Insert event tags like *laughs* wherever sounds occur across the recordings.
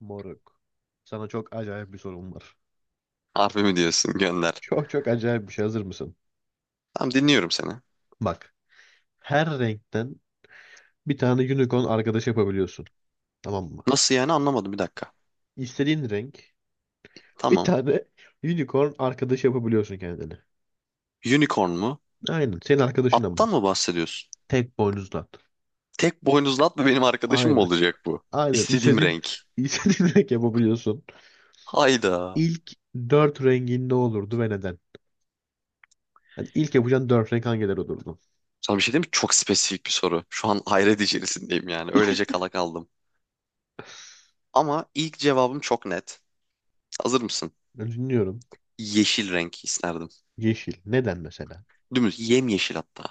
Moruk. Sana çok acayip bir sorum var. Harbi mi diyorsun? Gönder. Çok çok acayip bir şey. Hazır mısın? Tamam dinliyorum seni. Bak. Her renkten bir tane unicorn arkadaş yapabiliyorsun. Tamam mı? Nasıl yani anlamadım bir dakika. İstediğin renk bir Tamam. tane *laughs* unicorn arkadaş yapabiliyorsun kendine. Unicorn mu? Aynen. Senin arkadaşın ama. Attan mı bahsediyorsun? Tek boynuzlu. Tek boynuzlu at mı benim arkadaşım mı Aynen. olacak bu? Aynen. İstediğim İstediğin, renk. *laughs* istediğin renk yapabiliyorsun. Hayda. İlk dört rengin ne olurdu ve neden? Yani ilk yapacağın dört renk hangileri olurdu? Sana bir şey diyeyim mi? Çok spesifik bir soru. Şu an hayret içerisindeyim yani. Öylece kala kaldım. Ama ilk cevabım çok net. Hazır mısın? Ben dinliyorum. Yeşil renk isterdim. Yeşil. Neden mesela? Dümdüz yemyeşil hatta.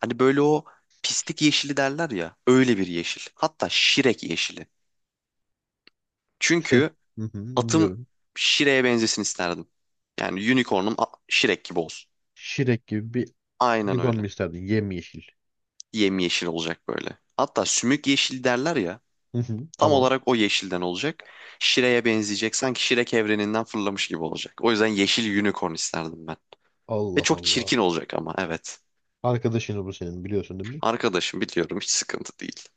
Hani böyle o pislik yeşili derler ya. Öyle bir yeşil. Hatta şirek yeşili. Se- Çünkü Hı hı, atım dinliyorum. Şire'ye benzesin isterdim. Yani Şirek gibi olsun. Şirek gibi bir Aynen unicorn öyle. mu isterdin? Yemyeşil. Yemyeşil olacak böyle. Hatta sümük yeşil derler ya. Hı hı, Tam tamam. olarak o yeşilden olacak. Şire'ye benzeyecek. Sanki Şirek evreninden fırlamış gibi olacak. O yüzden yeşil unicorn isterdim ben. Ve Allah çok Allah. çirkin olacak ama evet. Arkadaşını bu senin biliyorsun değil mi? Arkadaşım biliyorum, hiç sıkıntı değil.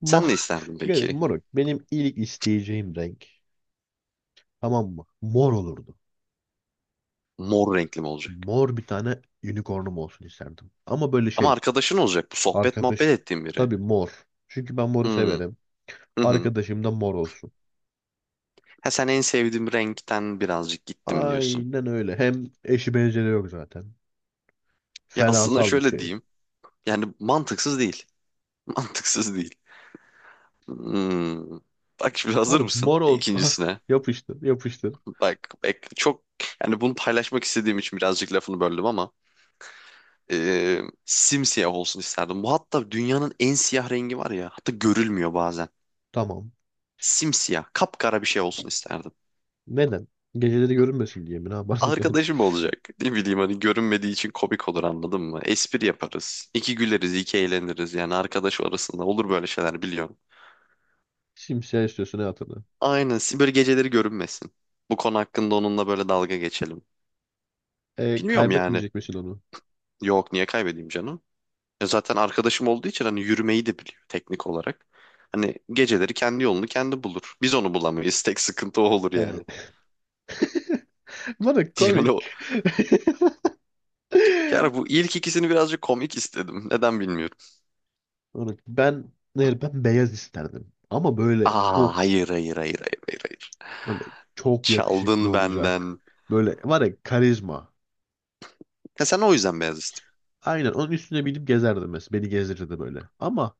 Ma Sen ne *laughs* isterdin Gel, peki? moruk. Benim ilk isteyeceğim renk. Tamam mı? Mor olurdu. Mor renkli mi olacak? Mor bir tane unicornum olsun isterdim. Ama böyle Ama şey. arkadaşın olacak bu, sohbet muhabbet Arkadaş. ettiğin biri. Tabii mor. Çünkü ben moru Hmm. severim. Hı hı. Arkadaşım da mor olsun. Ha, sen en sevdiğim renkten birazcık gittim diyorsun. Aynen öyle. Hem eşi benzeri yok zaten. Ya aslında Fenasal bir şöyle şey. diyeyim. Yani mantıksız değil. *laughs* Mantıksız değil. Hmm. Bak, şimdi hazır Moruk mor mısın olsun. *laughs* ikincisine? Yapıştır yapıştır. Bak, bak, çok yani bunu paylaşmak istediğim için birazcık lafını böldüm ama e, simsiyah olsun isterdim. Bu hatta dünyanın en siyah rengi var ya, hatta görülmüyor bazen. Tamam. Simsiyah, kapkara bir şey olsun isterdim. Neden? Geceleri görünmesin diye mi? Ne yaparsın yani? Arkadaşım olacak. Ne bileyim, hani görünmediği için komik olur, anladın mı? Espri yaparız. İki güleriz, iki eğleniriz. Yani arkadaş arasında olur böyle şeyler, biliyorum. *laughs* Simsiyah istiyorsun hayatını. Aynen. Siz böyle geceleri görünmesin. Bu konu hakkında onunla böyle dalga geçelim. E, Bilmiyorum yani. kaybetmeyecek misin onu? Yok, niye kaybedeyim canım? Ya zaten arkadaşım olduğu için hani yürümeyi de biliyor teknik olarak. Hani geceleri kendi yolunu kendi bulur. Biz onu bulamayız. *laughs* Tek sıkıntı o olur Yani. yani. *laughs* *laughs* Bana Yani o. komik. *laughs* Yani bu ilk ikisini birazcık komik istedim. Neden bilmiyorum. Ben hayır, ben beyaz isterdim. Ama böyle Aa, hayır hayır hayır hayır hayır hayır. böyle çok yakışıklı Çaldın olacak. benden. Böyle var ya karizma. Ya sen o yüzden beyaz istiyorsun. Aynen onun üstüne binip gezerdim mesela. Beni gezdirirdi böyle. Ama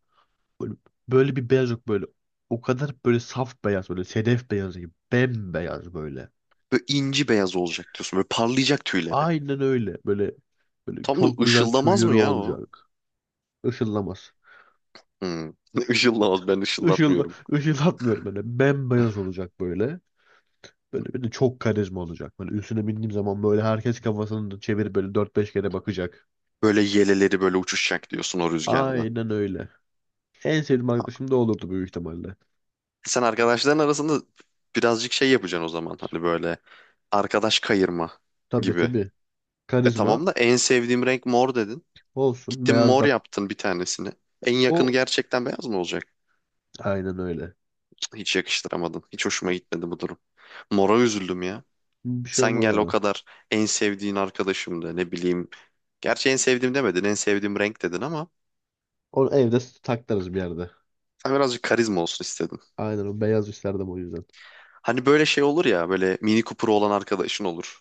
böyle, böyle bir beyaz yok böyle. O kadar böyle saf beyaz böyle sedef beyazı gibi. Bembeyaz böyle. Böyle inci beyaz olacak diyorsun. Böyle parlayacak tüyleri. Aynen öyle. Böyle Tam da çok güzel ışıldamaz tüyleri mı ya o? olacak. Işıllamaz. Hmm. *laughs* Işıllamaz, ben Işıl, ışıllatmıyorum. ışıldatmıyorum böyle. Bembeyaz olacak böyle. Böyle bir de çok karizma olacak. Böyle üstüne bindiğim zaman böyle herkes kafasını çevirip böyle dört beş kere bakacak. Böyle yeleleri böyle uçuşacak diyorsun o rüzgarda. Aynen öyle. En sevdiğim arkadaşım da olurdu büyük ihtimalle. Sen arkadaşların arasında birazcık şey yapacaksın o zaman. Hani böyle arkadaş kayırma Tabii gibi. tabii. E Karizma tamam da, en sevdiğim renk mor dedin. olsun. Gittin Beyaz mor da. yaptın bir tanesini. En yakını O gerçekten beyaz mı olacak? aynen öyle. Hiç yakıştıramadım. Hiç hoşuma gitmedi bu durum. Mora üzüldüm ya. Bir şey Sen olmaz gel o ona. kadar, en sevdiğin arkadaşım da ne bileyim. Gerçi en sevdiğim demedin, en sevdiğim renk dedin ama Onu evde saklarız bir yerde. sen birazcık karizma olsun. Aynen o beyaz isterdim o yüzden. Hani böyle şey olur ya, böyle Mini Cooper'ı olan arkadaşın olur.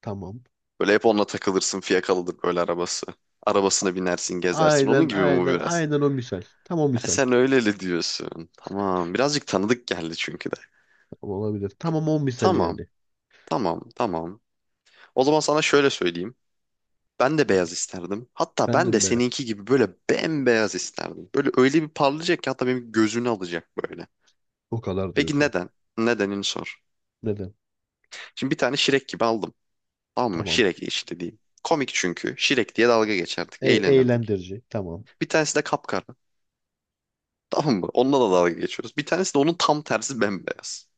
Tamam. Böyle hep onunla takılırsın, fiyakalıdır böyle arabası. Arabasına binersin, gezersin, Aynen onun gibi mi bu aynen biraz? aynen o misal. Tam o Ha, misal. sen öyle öyle diyorsun. Tamam, birazcık tanıdık geldi çünkü de. Tamam, olabilir. Tamam o misal Tamam, yani. tamam, tamam. O zaman sana şöyle söyleyeyim. Ben de Ben beyaz isterdim. Hatta ben de Efendim be. seninki gibi böyle bembeyaz isterdim. Böyle öyle bir parlayacak ki hatta benim gözünü alacak böyle. O kadar Peki diyorsun. neden? Nedenini sor. Neden? Şimdi bir tane şirek gibi aldım. Tamam mı? Tamam. Şirek işte diyeyim. Komik çünkü. Şirek diye dalga geçerdik. E Eğlenirdik. eğlendirici. Tamam. Bir tanesi de kapkara. Tamam mı? Onunla da dalga geçiyoruz. Bir tanesi de onun tam tersi bembeyaz.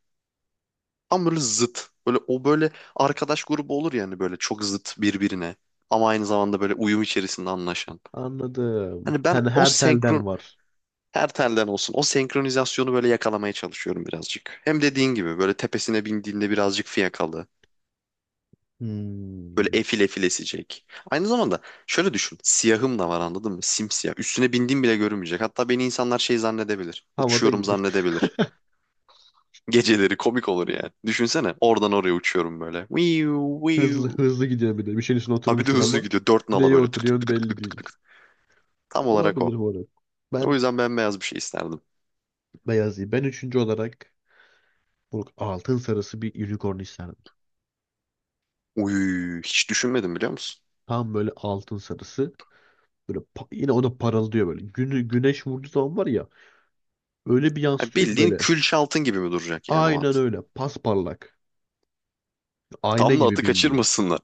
Tam böyle zıt. Böyle arkadaş grubu olur yani, böyle çok zıt birbirine. Ama aynı zamanda böyle uyum içerisinde anlaşan. Anladım. Hani ben Hani o her telden senkron, var. her telden olsun, o senkronizasyonu böyle yakalamaya çalışıyorum birazcık. Hem dediğin gibi böyle tepesine bindiğinde birazcık fiyakalı. Böyle Hmm. efil efil esecek. Aynı zamanda şöyle düşün. Siyahım da var, anladın mı? Simsiyah. Üstüne bindiğim bile görünmeyecek. Hatta beni insanlar şey zannedebilir. Havada Uçuyorum gidiyor. *laughs* zannedebilir. *laughs* Geceleri komik olur yani. Düşünsene oradan oraya uçuyorum böyle. Viu, Hızlı viu. hızlı gidiyor bir de. Bir şeyin üstüne Abi bir de oturmuşsun hızlı ama gidiyor. Dört nala neye böyle, tık tık oturuyorsun tık tık belli tık tık değil. tık. Tam olarak o. Olabilir bu arada. O Ben yüzden bembeyaz bir şey isterdim. Beyazı. Ben üçüncü olarak bu altın sarısı bir unicorn isterdim. Uy, hiç düşünmedim, biliyor musun? Tam böyle altın sarısı. Böyle yine o da parıldıyor böyle. Güneş vurduğu zaman var ya öyle bir Ya yansıtıyor ki bildiğin böyle. kül şaltın gibi mi duracak yani o Aynen at? öyle. Pasparlak. Ayna Tam da gibi atı bildiğin. kaçırmasınlar.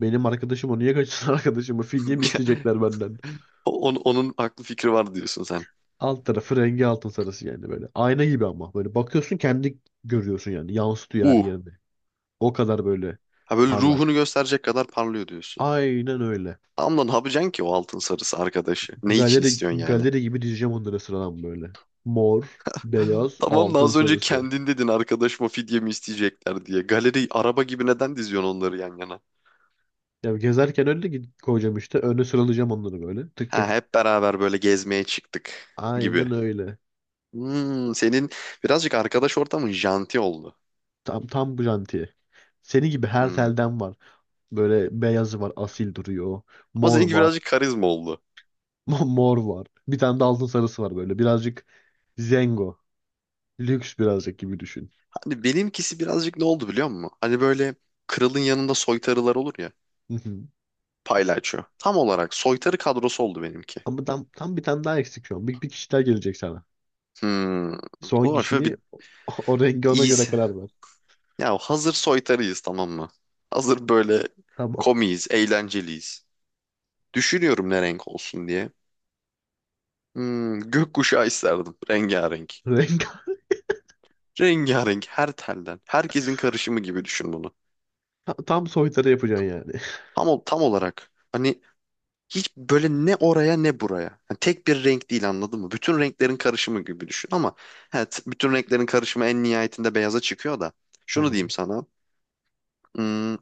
Benim arkadaşım o niye kaçırsın *laughs* arkadaşımı? Fidye mi *laughs* isteyecekler benden? Onun aklı fikri var diyorsun sen. Alt tarafı rengi altın sarısı yani böyle. Ayna gibi ama. Böyle bakıyorsun kendi görüyorsun yani. Yansıtıyor her Uh. yerini. O kadar böyle Ha, böyle ruhunu parlak. gösterecek kadar parlıyor diyorsun. Aynen öyle. Tamam da ne yapacaksın ki o altın sarısı arkadaşı? Ne için istiyorsun yani? Galeri gibi dizeceğim onları sıradan böyle. Mor, *laughs* beyaz, Tamam da altın az önce sarısı. kendin dedin, arkadaşıma fidye mi isteyecekler diye. Galeri araba gibi neden diziyorsun onları yan yana? Ya gezerken önüne gidip koyacağım işte. Öne sıralayacağım onları böyle. Tık tık. Ha, Tık. hep beraber böyle gezmeye çıktık gibi. Aynen öyle. Hmm, senin birazcık arkadaş ortamın janti oldu. Tam tam bu jantiye. Seni gibi her Hmm. telden var. Böyle beyazı var, asil duruyor. Ama Mor seninki birazcık var. karizma oldu. *laughs* Mor var. Bir tane de altın sarısı var böyle. Birazcık zengo. Lüks birazcık gibi düşün. Hani benimkisi birazcık ne oldu, biliyor musun? Hani böyle kralın yanında soytarılar olur ya. Hı hı. Paylaşıyor. Tam olarak soytarı kadrosu oldu benimki. Ama tam bir tane daha eksik şu an. Bir kişi daha gelecek sana. Hmm. Son O zaman şöyle bir kişini *laughs* o, rengi ona göre iyisi. karar ver. Ya hazır soytarıyız, tamam mı? Hazır böyle Tamam. komiyiz, eğlenceliyiz. Düşünüyorum ne renk olsun diye. Hmm, gökkuşağı isterdim. Rengarenk. *laughs* Renk Rengarenk, her telden. Herkesin karışımı gibi düşün bunu. tam tam soytarı yapacaksın yani. *laughs* Tam olarak. Hani hiç böyle ne oraya ne buraya. Yani tek bir renk değil, anladın mı? Bütün renklerin karışımı gibi düşün ama evet, bütün renklerin karışımı en nihayetinde beyaza çıkıyor da. Şunu diyeyim Tamam. sana. Hmm,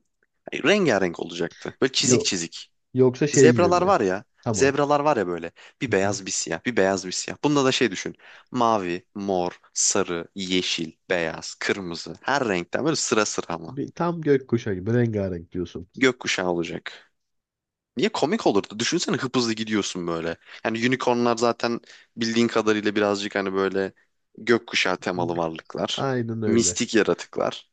Rengarenk olacaktı. Böyle çizik Yok. çizik. Yoksa şey gibi Zebralar mi? var ya. Tamam. Zebralar var ya böyle. Bir Hı hı. beyaz bir siyah. Bir beyaz bir siyah. Bunda da şey düşün. Mavi, mor, sarı, yeşil, beyaz, kırmızı. Her renkten böyle sıra sıra ama. Bir, tam gökkuşağı gibi rengarenk diyorsun. Gökkuşağı olacak. Niye komik olurdu? Düşünsene hıpızlı gidiyorsun böyle. Yani unicornlar zaten bildiğin kadarıyla birazcık hani böyle gökkuşağı temalı varlıklar. Aynen öyle. Mistik yaratıklar.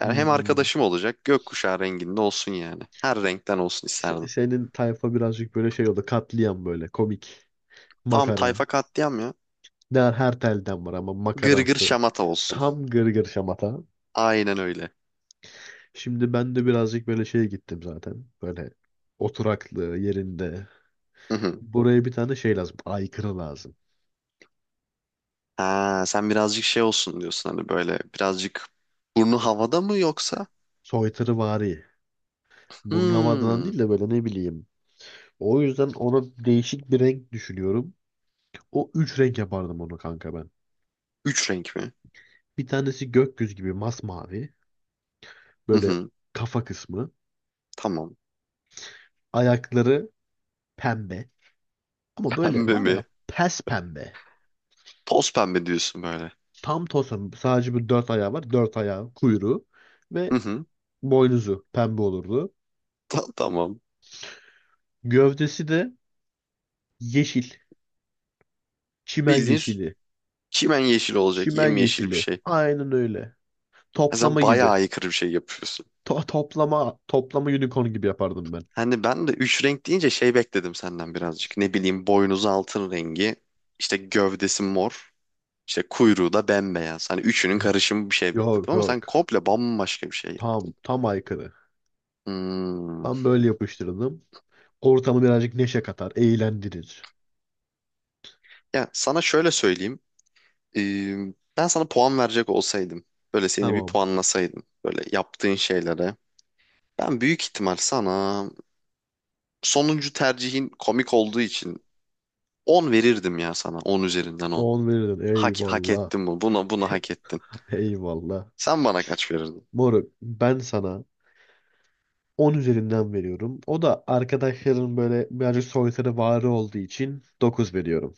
Yani hem Hmm. arkadaşım olacak, gökkuşağı renginde olsun yani. Her renkten olsun isterdim. Senin tayfa birazcık böyle şey oldu. Katliam böyle komik. Tam tayfa Makara. katliam ya. Der her telden var ama Gırgır makaransı. şamata olsun. Tam gırgır şamata. Aynen öyle. Şimdi ben de birazcık böyle şeye gittim zaten. Böyle oturaklı yerinde. Hı hı. Buraya bir tane şey lazım. Aykırı lazım. Ha, sen birazcık şey olsun diyorsun, hani böyle birazcık burnu havada mı yoksa? Soytarıvari. Burnavadan Hmm. değil de böyle ne bileyim. O yüzden ona değişik bir renk düşünüyorum. O üç renk yapardım onu kanka ben. Üç renk mi? Bir tanesi gökyüzü gibi masmavi. Hı Böyle hı. kafa kısmı. Tamam. Ayakları pembe. Ama *laughs* böyle Pembe var ya mi? pes pembe. Toz pembe diyorsun böyle. Tam tosun. Sadece bu dört ayağı var. Dört ayağı, kuyruğu ve Hı hı. boynuzu pembe olurdu. Tamam. Gövdesi de yeşil. Çimen Bildiğin yeşili. çimen yeşil olacak. Çimen Yemyeşil bir yeşili. şey. Aynen öyle. Ha, sen Toplama bayağı gibi. aykırı bir şey yapıyorsun. Toplama toplama unicorn gibi yapardım ben. Hani ben de üç renk deyince şey bekledim senden birazcık. Ne bileyim boynuzu altın rengi, işte gövdesi mor. İşte kuyruğu da bembeyaz. Hani üçünün Yok karışımı bir şey bekledim yok. ama sen Yok. komple bambaşka bir şey. Tam tam aykırı. Hmm. Ben böyle yapıştırdım. Ortamı birazcık neşe katar, eğlendirir. Ya sana şöyle söyleyeyim. Ee, ben sana puan verecek olsaydım. Böyle seni bir Tamam. puanlasaydım. Böyle yaptığın şeylere. Ben büyük ihtimal sana, sonuncu tercihin komik olduğu için, 10 verirdim ya sana. 10 üzerinden 10. On verirdin. Hak Eyvallah. ettin bu. Buna, bunu hak ettin. Eyvallah. Sen bana kaç verirdin? Moruk ben sana 10 üzerinden veriyorum. O da arkadaşların böyle birazcık soytarı varı olduğu için 9 veriyorum.